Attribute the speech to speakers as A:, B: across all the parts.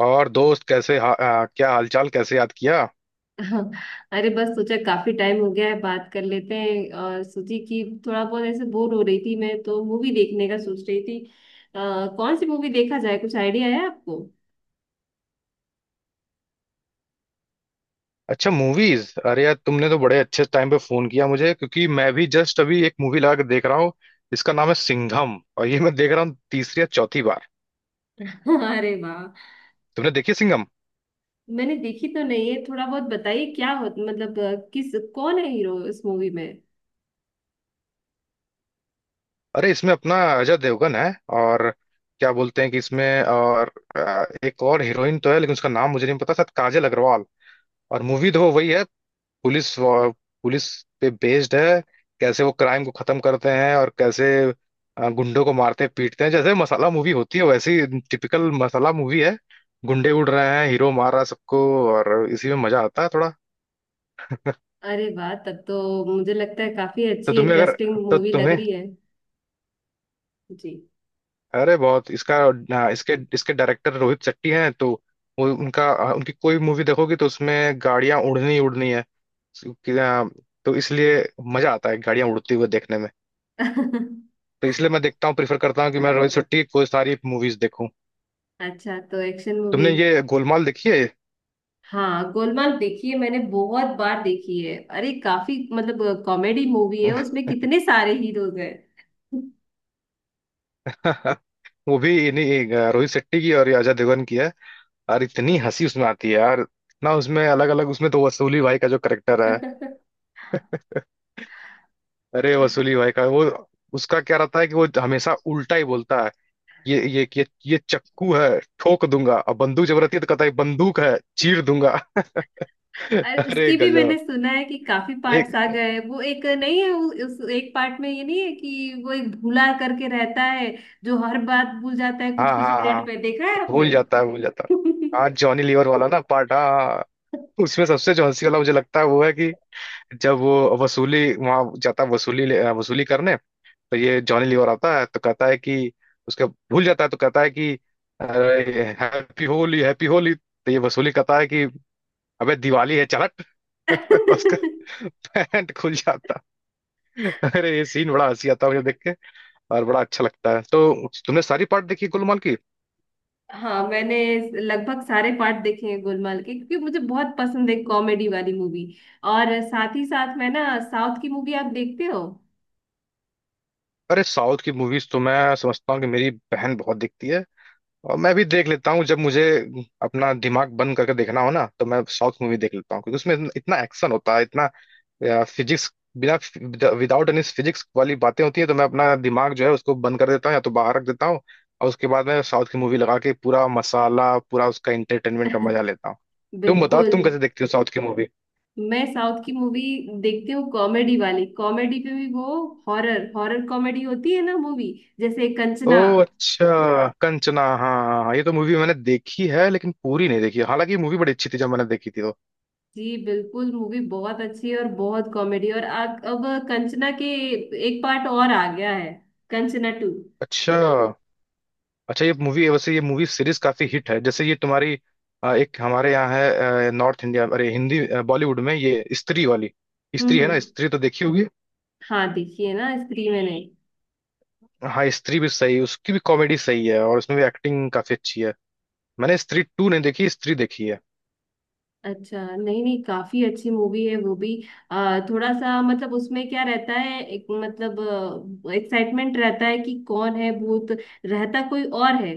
A: और दोस्त कैसे क्या हालचाल, कैसे याद किया।
B: हाँ, अरे बस सोचा काफी टाइम हो गया है बात कर लेते हैं और सोची कि थोड़ा बहुत ऐसे बोर हो रही थी, मैं तो मूवी देखने का सोच रही थी। कौन सी मूवी देखा जाए? कुछ आइडिया है आपको?
A: अच्छा मूवीज, अरे यार तुमने तो बड़े अच्छे टाइम पे फोन किया मुझे, क्योंकि मैं भी जस्ट अभी एक मूवी लगा के देख रहा हूँ। इसका नाम है सिंघम, और ये मैं देख रहा हूँ तीसरी या चौथी बार।
B: अरे वाह!
A: तुमने देखी सिंघम?
B: मैंने देखी तो नहीं है, थोड़ा बहुत बताइए क्या हो, मतलब किस, कौन है हीरो इस मूवी में?
A: अरे इसमें अपना अजय देवगन है, और क्या बोलते हैं कि इसमें और एक और हीरोइन तो है, लेकिन उसका नाम मुझे नहीं पता, शायद काजल अग्रवाल। और मूवी तो वही है, पुलिस वा- पुलिस पे बेस्ड है। कैसे वो क्राइम को खत्म करते हैं, और कैसे गुंडों को मारते पीटते हैं, जैसे मसाला मूवी होती है वैसी। टिपिकल मसाला मूवी है। गुंडे उड़ रहे हैं, हीरो मार रहा है सबको, और इसी में मजा आता है थोड़ा।
B: अरे वाह, तब तो मुझे लगता है काफी
A: तो
B: अच्छी
A: तुम्हें अगर
B: इंटरेस्टिंग
A: तो
B: मूवी लग
A: तुम्हें
B: रही है। जी।
A: अरे बहुत इसका इसके इसके डायरेक्टर रोहित शेट्टी हैं, तो वो उनका उनकी कोई मूवी देखोगी तो उसमें गाड़ियां उड़नी ही उड़नी है। कि, अ, तो इसलिए मजा आता है गाड़ियां उड़ती हुई देखने में। तो इसलिए मैं देखता हूँ, प्रीफर करता हूँ कि मैं रोहित शेट्टी को सारी मूवीज देखूं।
B: अच्छा, तो एक्शन मूवी।
A: तुमने ये गोलमाल देखी है?
B: हाँ गोलमाल, देखिए मैंने बहुत बार देखी है, अरे काफी मतलब कॉमेडी मूवी है, उसमें कितने सारे हीरोज हैं।
A: वो भी इन्हीं रोहित शेट्टी की, और ये अजय देवगन की है, और इतनी हंसी उसमें आती है यार। ना उसमें अलग अलग, उसमें तो वसूली भाई का जो करेक्टर है, अरे वसूली भाई का वो, उसका क्या रहता है कि वो हमेशा उल्टा ही बोलता है। ये चक्कू है ठोक दूंगा, और बंदूक जब रहती है तो कहता है बंदूक है चीर दूंगा।
B: और
A: अरे
B: उसकी भी मैंने
A: गजब।
B: सुना है कि काफी पार्ट्स
A: एक,
B: आ गए हैं। वो एक नहीं है, उस एक पार्ट में ये नहीं है कि वो एक भूला करके रहता है, जो हर बात भूल जाता है कुछ
A: हाँ
B: कुछ
A: हाँ हाँ,
B: मिनट में? देखा है आपने?
A: भूल जाता है भूल जाता है, हाँ जॉनी लीवर वाला ना पार्ट, हाँ हाँ, हाँ। उसमें सबसे जो हंसी वाला मुझे लगता है वो है कि जब वो वसूली वहां जाता है वसूली करने, तो ये जॉनी लीवर आता है तो कहता है कि, उसका भूल जाता है तो कहता है कि अरे हैप्पी होली हैप्पी होली, तो ये वसूली कहता है कि अबे दिवाली है चल हट। उसका पैंट खुल जाता है। अरे ये सीन बड़ा हंसी आता है मुझे देख के, और बड़ा अच्छा लगता है। तो तुमने सारी पार्ट देखी गुलमाल की?
B: हाँ मैंने लगभग सारे पार्ट देखे हैं गोलमाल के, क्योंकि मुझे बहुत पसंद है कॉमेडी वाली मूवी। और साथ ही साथ मैं ना, साउथ की मूवी आप देखते हो?
A: अरे साउथ की मूवीज तो मैं समझता हूँ कि मेरी बहन बहुत देखती है, और मैं भी देख लेता हूँ, जब मुझे अपना दिमाग बंद करके देखना हो ना तो मैं साउथ मूवी देख लेता हूँ, क्योंकि उसमें इतना इतना एक्शन होता है, इतना फिजिक्स बिना, विदाउट एनी फिजिक्स वाली बातें होती है, तो मैं अपना दिमाग जो है उसको बंद कर देता हूँ या तो बाहर रख देता हूँ। और उसके बाद मैं साउथ की मूवी लगा के पूरा मसाला, पूरा उसका एंटरटेनमेंट का मजा लेता हूँ। तो तुम बताओ,
B: बिल्कुल,
A: तुम कैसे देखती हो साउथ की मूवी?
B: मैं साउथ की मूवी देखती हूँ, कॉमेडी वाली, कॉमेडी पे भी वो हॉरर, हॉरर कॉमेडी होती है ना मूवी, जैसे
A: ओ,
B: कंचना।
A: अच्छा कंचना, हाँ हाँ हाँ, ये तो मूवी मैंने देखी है लेकिन पूरी नहीं देखी है। हालांकि मूवी बड़ी अच्छी थी जब मैंने देखी थी तो।
B: जी बिल्कुल, मूवी बहुत अच्छी है और बहुत कॉमेडी। और अब कंचना के एक पार्ट और आ गया है, कंचना टू।
A: अच्छा अच्छा, ये मूवी वैसे, ये मूवी सीरीज काफी हिट है, जैसे ये तुम्हारी एक हमारे यहाँ है नॉर्थ इंडिया, अरे हिंदी, बॉलीवुड में ये स्त्री वाली, स्त्री है ना,
B: हम्म।
A: स्त्री तो देखी होगी।
B: हाँ देखिए ना, स्त्री मैंने,
A: हाँ स्त्री भी सही, उसकी भी कॉमेडी सही है, और उसमें भी एक्टिंग काफी अच्छी है। मैंने स्त्री टू नहीं देखी, स्त्री देखी है।
B: अच्छा नहीं नहीं, काफी अच्छी मूवी है वो भी। थोड़ा सा मतलब उसमें क्या रहता है, एक मतलब एक्साइटमेंट रहता है कि कौन है भूत, रहता कोई और है,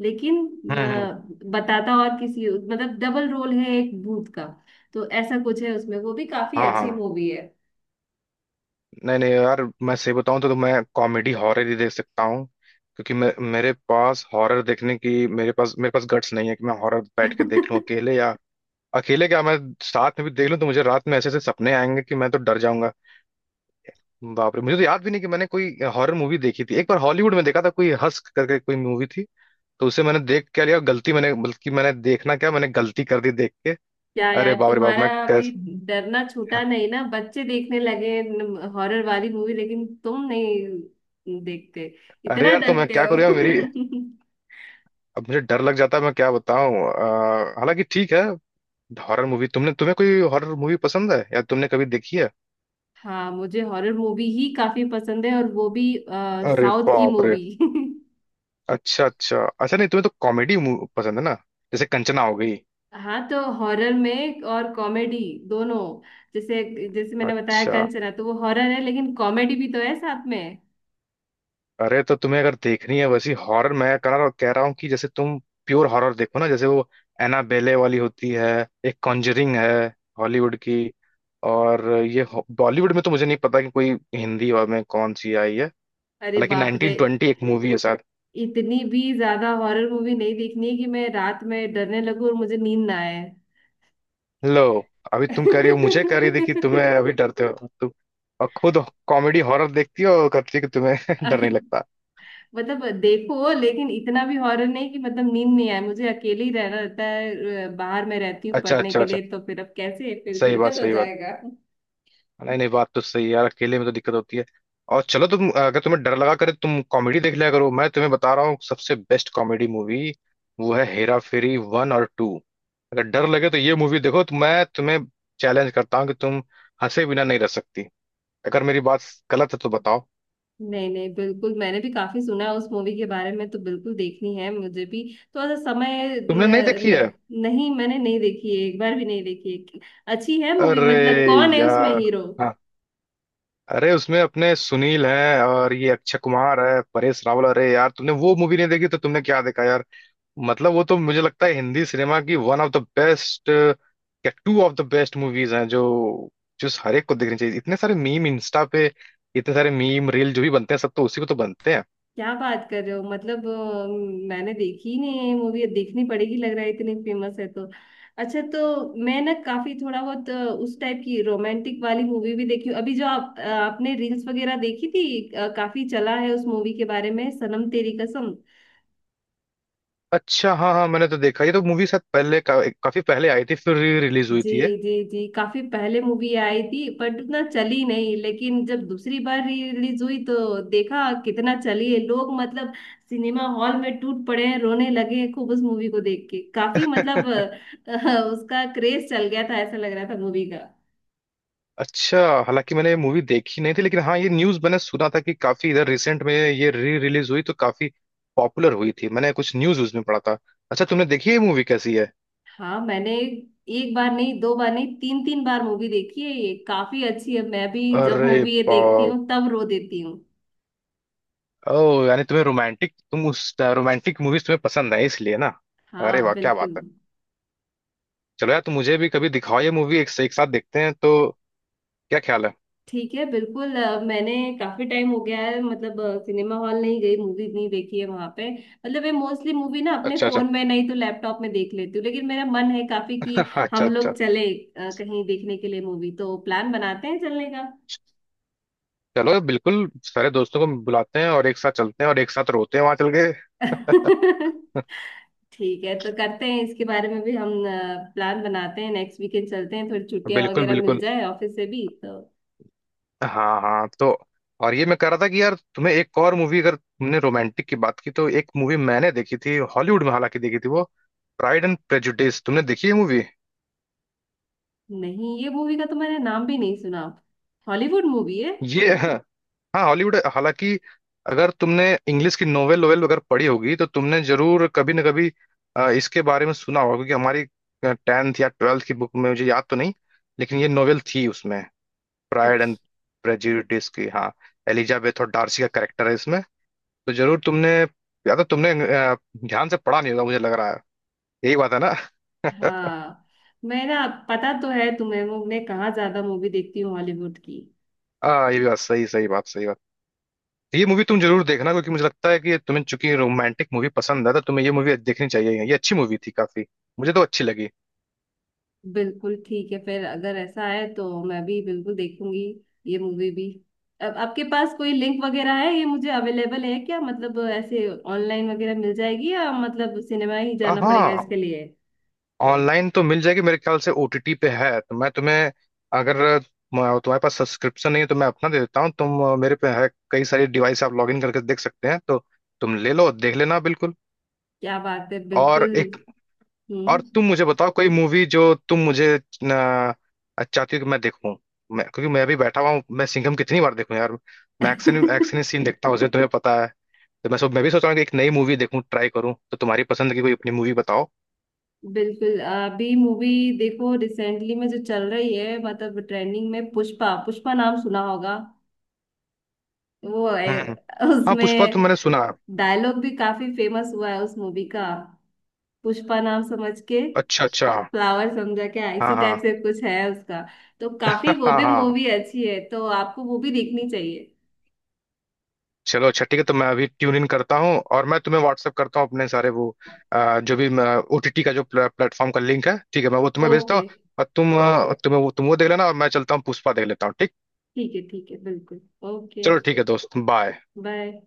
B: लेकिन
A: हम्म हम्म।
B: बताता, और किसी, मतलब डबल रोल है एक भूत का, तो ऐसा कुछ है उसमें, वो भी काफी
A: हाँ
B: अच्छी
A: हाँ,
B: मूवी है।
A: नहीं नहीं यार, मैं सही बताऊं तो मैं कॉमेडी हॉरर ही देख सकता हूँ, क्योंकि मैं मेरे पास हॉरर देखने की मेरे पास गट्स नहीं है कि मैं हॉरर बैठ के देख लूं अकेले, या अकेले क्या मैं साथ में भी देख लूं तो मुझे रात में ऐसे ऐसे सपने आएंगे कि मैं तो डर जाऊंगा। बाप रे, मुझे तो याद भी नहीं कि मैंने कोई हॉरर मूवी देखी थी। एक बार हॉलीवुड में देखा था, कोई हस्क करके कोई मूवी थी, तो उसे मैंने देख क्या लिया गलती, मैंने, बल्कि मैंने देखना क्या, मैंने गलती कर दी देख के।
B: क्या यार,
A: अरे बाप रे बाप,
B: तुम्हारा
A: मैं
B: अभी
A: कैस
B: डरना छूटा नहीं ना, बच्चे देखने लगे हॉरर वाली मूवी, लेकिन तुम नहीं देखते,
A: अरे
B: इतना
A: यार तो मैं
B: डरते
A: क्या करूँ यार,
B: हो।
A: मेरी, अब मुझे डर लग जाता है, मैं क्या बताऊं। हालांकि ठीक है। हॉरर मूवी तुमने तुम्हें कोई हॉरर मूवी पसंद है, या तुमने कभी देखी है?
B: हाँ, मुझे हॉरर मूवी ही काफी पसंद है, और वो भी
A: अरे
B: साउथ की
A: बाप रे।
B: मूवी।
A: अच्छा अच्छा अच्छा, नहीं तुम्हें तो कॉमेडी पसंद है ना, जैसे कंचना हो गई।
B: हाँ तो हॉरर में और कॉमेडी दोनों, जैसे जैसे मैंने बताया,
A: अच्छा,
B: कंचना तो वो हॉरर है, लेकिन कॉमेडी भी तो है साथ में।
A: अरे तो तुम्हें अगर देखनी है वैसी हॉरर, मैं कह रहा हूँ कि जैसे तुम प्योर हॉरर देखो ना, जैसे वो एनाबेले वाली होती है, एक कॉन्जरिंग है हॉलीवुड की, और बॉलीवुड में तो मुझे नहीं पता कि कोई हिंदी और में कौन सी आई है,
B: अरे
A: हालांकि
B: बाप रे,
A: 1920 एक मूवी है शायद।
B: इतनी भी ज्यादा हॉरर मूवी नहीं देखनी है कि मैं रात में डरने लगूं और मुझे नींद ना आए।
A: लो, अभी तुम कह रही हो मुझे, कह रही थी कि तुम्हें, अभी डरते हो तुम, और खुद कॉमेडी हॉरर देखती हो और कहती है कि तुम्हें डर नहीं लगता।
B: मतलब देखो, लेकिन इतना भी हॉरर नहीं कि मतलब नींद नहीं आए, मुझे अकेले ही रहना रहता है, बाहर में रहती हूँ
A: अच्छा
B: पढ़ने
A: अच्छा
B: के
A: अच्छा,
B: लिए, तो फिर अब कैसे, फिर
A: सही बात
B: दिक्कत हो
A: सही बात,
B: जाएगा।
A: नहीं नहीं बात तो सही है यार, अकेले में तो दिक्कत होती है। और चलो, तुम अगर तुम्हें डर लगा करे तो तुम कॉमेडी देख लिया करो, मैं तुम्हें बता रहा हूँ सबसे बेस्ट कॉमेडी मूवी, वो है हेरा फेरी वन और टू। अगर डर लगे तो ये मूवी देखो, तो मैं तुम्हें चैलेंज करता हूँ कि तुम हंसे बिना नहीं रह सकती, अगर मेरी बात गलत है तो बताओ।
B: नहीं नहीं, बिल्कुल मैंने भी काफी सुना है उस मूवी के बारे में, तो बिल्कुल देखनी है मुझे भी। तो ऐसा समय
A: तुमने नहीं देखी
B: न,
A: है?
B: न, नहीं मैंने नहीं देखी है, एक बार भी नहीं देखी है। अच्छी है मूवी?
A: अरे
B: मतलब कौन है उसमें
A: यार,
B: हीरो?
A: हाँ, अरे उसमें अपने सुनील हैं, और ये अक्षय कुमार है, परेश रावल, अरे यार तुमने वो मूवी नहीं देखी तो तुमने क्या देखा यार, मतलब वो तो मुझे लगता है हिंदी सिनेमा की वन ऑफ द बेस्ट या two of the best movies हैं, जो जो हर एक को देखनी चाहिए, इतने सारे मीम इंस्टा पे, इतने सारे मीम रील जो भी बनते हैं सब तो उसी पे तो बनते हैं।
B: क्या बात कर रहे हो, मतलब मैंने देखी ही नहीं है मूवी, अब देखनी पड़ेगी लग रहा है, इतनी फेमस है तो। अच्छा, तो मैं ना काफी थोड़ा बहुत उस टाइप की रोमांटिक वाली मूवी भी देखी हूँ, अभी जो आप आपने रील्स वगैरह देखी थी, काफी चला है उस मूवी के बारे में, सनम तेरी कसम।
A: अच्छा हाँ हाँ, मैंने तो देखा, ये तो मूवी शायद काफी पहले आई थी, फिर रिलीज हुई
B: जी।
A: थी ये।
B: जी जी, काफी पहले मूवी आई थी बट उतना चली नहीं, लेकिन जब दूसरी बार रिलीज हुई तो देखा कितना चली है, लोग मतलब सिनेमा हॉल में टूट पड़े हैं, रोने लगे हैं खूब उस मूवी को देख के, काफी मतलब उसका क्रेज चल गया था, ऐसा लग रहा था मूवी का।
A: अच्छा, हालांकि मैंने ये मूवी देखी नहीं थी, लेकिन हाँ ये न्यूज मैंने सुना था कि काफी इधर रिसेंट में ये री रिलीज हुई तो काफी पॉपुलर हुई थी, मैंने कुछ न्यूज उसमें पढ़ा था। अच्छा, तुमने देखी है मूवी, कैसी है?
B: हाँ मैंने, एक बार नहीं, दो बार नहीं, तीन तीन बार मूवी देखी है ये, काफी अच्छी है, मैं भी जब
A: अरे
B: मूवी ये देखती
A: बाप,
B: हूँ तब रो देती हूँ।
A: ओह, यानी तुम्हें रोमांटिक, तुम उस रोमांटिक मूवीज तुम्हें पसंद है इसलिए ना? अरे
B: हाँ
A: वाह क्या बात
B: बिल्कुल।
A: है, चलो यार तुम मुझे भी कभी दिखाओ ये मूवी, एक साथ देखते हैं, तो क्या ख्याल है?
B: ठीक है, बिल्कुल मैंने काफी टाइम हो गया है मतलब, सिनेमा हॉल नहीं गई, मूवी नहीं देखी है वहां पे, मतलब मैं मोस्टली मूवी ना अपने
A: अच्छा अच्छा
B: फोन में नहीं तो लैपटॉप में देख लेती हूँ, लेकिन मेरा मन है काफी कि
A: अच्छा
B: हम
A: अच्छा,
B: लोग चले कहीं देखने के लिए मूवी, तो प्लान बनाते हैं चलने का।
A: चलो बिल्कुल, सारे दोस्तों को बुलाते हैं और एक साथ चलते हैं और एक साथ रोते हैं वहां चल के।
B: ठीक है, तो करते हैं इसके बारे में भी हम, प्लान बनाते हैं, नेक्स्ट वीकेंड चलते हैं, थोड़ी छुट्टियां
A: बिल्कुल
B: वगैरह मिल
A: बिल्कुल,
B: जाए ऑफिस से भी तो।
A: हाँ हाँ तो, और ये मैं कह रहा था कि यार तुम्हें एक और मूवी, अगर तुमने रोमांटिक की बात की तो, एक मूवी मैंने देखी थी हॉलीवुड में, हालांकि देखी थी वो, प्राइड एंड प्रेजुडिस, तुमने देखी है मूवी?
B: नहीं, ये मूवी का तो मैंने नाम भी नहीं सुना, हॉलीवुड मूवी है?
A: ये हाँ हॉलीवुड, हालांकि अगर तुमने इंग्लिश की नोवेल नोवेल अगर पढ़ी होगी तो तुमने जरूर कभी ना कभी इसके बारे में सुना होगा, क्योंकि हमारी 10th या 12th की बुक में मुझे याद तो नहीं, लेकिन ये नोवेल थी उसमें, प्राइड एंड
B: अच्छा
A: प्रेजुडिस की, हाँ। एलिजाबेथ और डार्सी का कैरेक्टर है इसमें, तो जरूर तुमने, या तो तुमने ध्यान से पढ़ा नहीं होगा मुझे लग रहा है, यही बात है ना?
B: हाँ, मैं ना, पता तो है तुम्हें वो मैं कहाँ ज्यादा मूवी देखती हूँ हॉलीवुड की।
A: हाँ, ये भी बात सही, सही बात सही बात, ये मूवी तुम जरूर देखना, क्योंकि मुझे लगता है कि ये तुम्हें, चूंकि रोमांटिक मूवी पसंद है तो तुम्हें ये मूवी देखनी चाहिए, ये अच्छी मूवी थी काफी, मुझे तो अच्छी लगी।
B: बिल्कुल ठीक है, फिर अगर ऐसा है तो मैं भी बिल्कुल देखूंगी ये मूवी भी। अब आपके पास कोई लिंक वगैरह है, ये मुझे अवेलेबल है क्या, मतलब ऐसे ऑनलाइन वगैरह मिल जाएगी, या मतलब सिनेमा ही जाना पड़ेगा
A: हाँ,
B: इसके लिए?
A: ऑनलाइन तो मिल जाएगी मेरे ख्याल से, ओटीटी पे है, तो मैं तुम्हें, अगर तुम्हारे पास सब्सक्रिप्शन नहीं है तो मैं अपना दे देता हूँ, तुम मेरे पे है कई सारी डिवाइस, आप लॉग इन करके देख सकते हैं, तो तुम ले लो देख लेना बिल्कुल।
B: क्या बात है,
A: और
B: बिल्कुल।
A: एक, और
B: हम्म।
A: तुम मुझे बताओ कोई मूवी जो तुम मुझे न, चाहती हो कि मैं देखूं, मैं, क्योंकि मैं अभी बैठा हुआ हूँ, मैं सिंघम कितनी बार देखूं यार, मैं एक्शन एक्शन सीन देखता हूँ उसे तुम्हें पता है, तो मैं सब, मैं भी सोच रहा हूँ कि एक नई मूवी देखूं, ट्राई करूं, तो तुम्हारी पसंद की कोई अपनी मूवी बताओ।
B: बिल्कुल, अभी मूवी देखो रिसेंटली में जो चल रही है मतलब, ट्रेंडिंग में पुष्पा, पुष्पा नाम सुना होगा। वो है,
A: हम्म। हाँ पुष्पा तो
B: उसमें
A: मैंने सुना।
B: डायलॉग भी काफी फेमस हुआ है उस मूवी का, पुष्पा नाम समझ के
A: अच्छा अच्छा।
B: फ्लावर समझा क्या,
A: हाँ
B: इसी टाइप
A: हाँ
B: से कुछ है उसका। तो काफी
A: हाँ
B: वो
A: हाँ
B: भी
A: हाँ।
B: मूवी अच्छी है, तो आपको वो भी देखनी चाहिए।
A: चलो अच्छा ठीक है, तो मैं अभी ट्यून इन करता हूँ और मैं तुम्हें व्हाट्सअप करता हूँ अपने सारे वो जो भी ओटीटी का जो प्लेटफॉर्म का लिंक है, ठीक है मैं वो तुम्हें भेजता
B: ओके।
A: हूँ। और तुम तुम्हें वो, तुम वो देख लेना, और मैं चलता हूँ पुष्पा देख लेता हूँ, ठीक?
B: ठीक है ठीक है, बिल्कुल। ओके।
A: चलो ठीक है दोस्त, बाय।
B: बाय।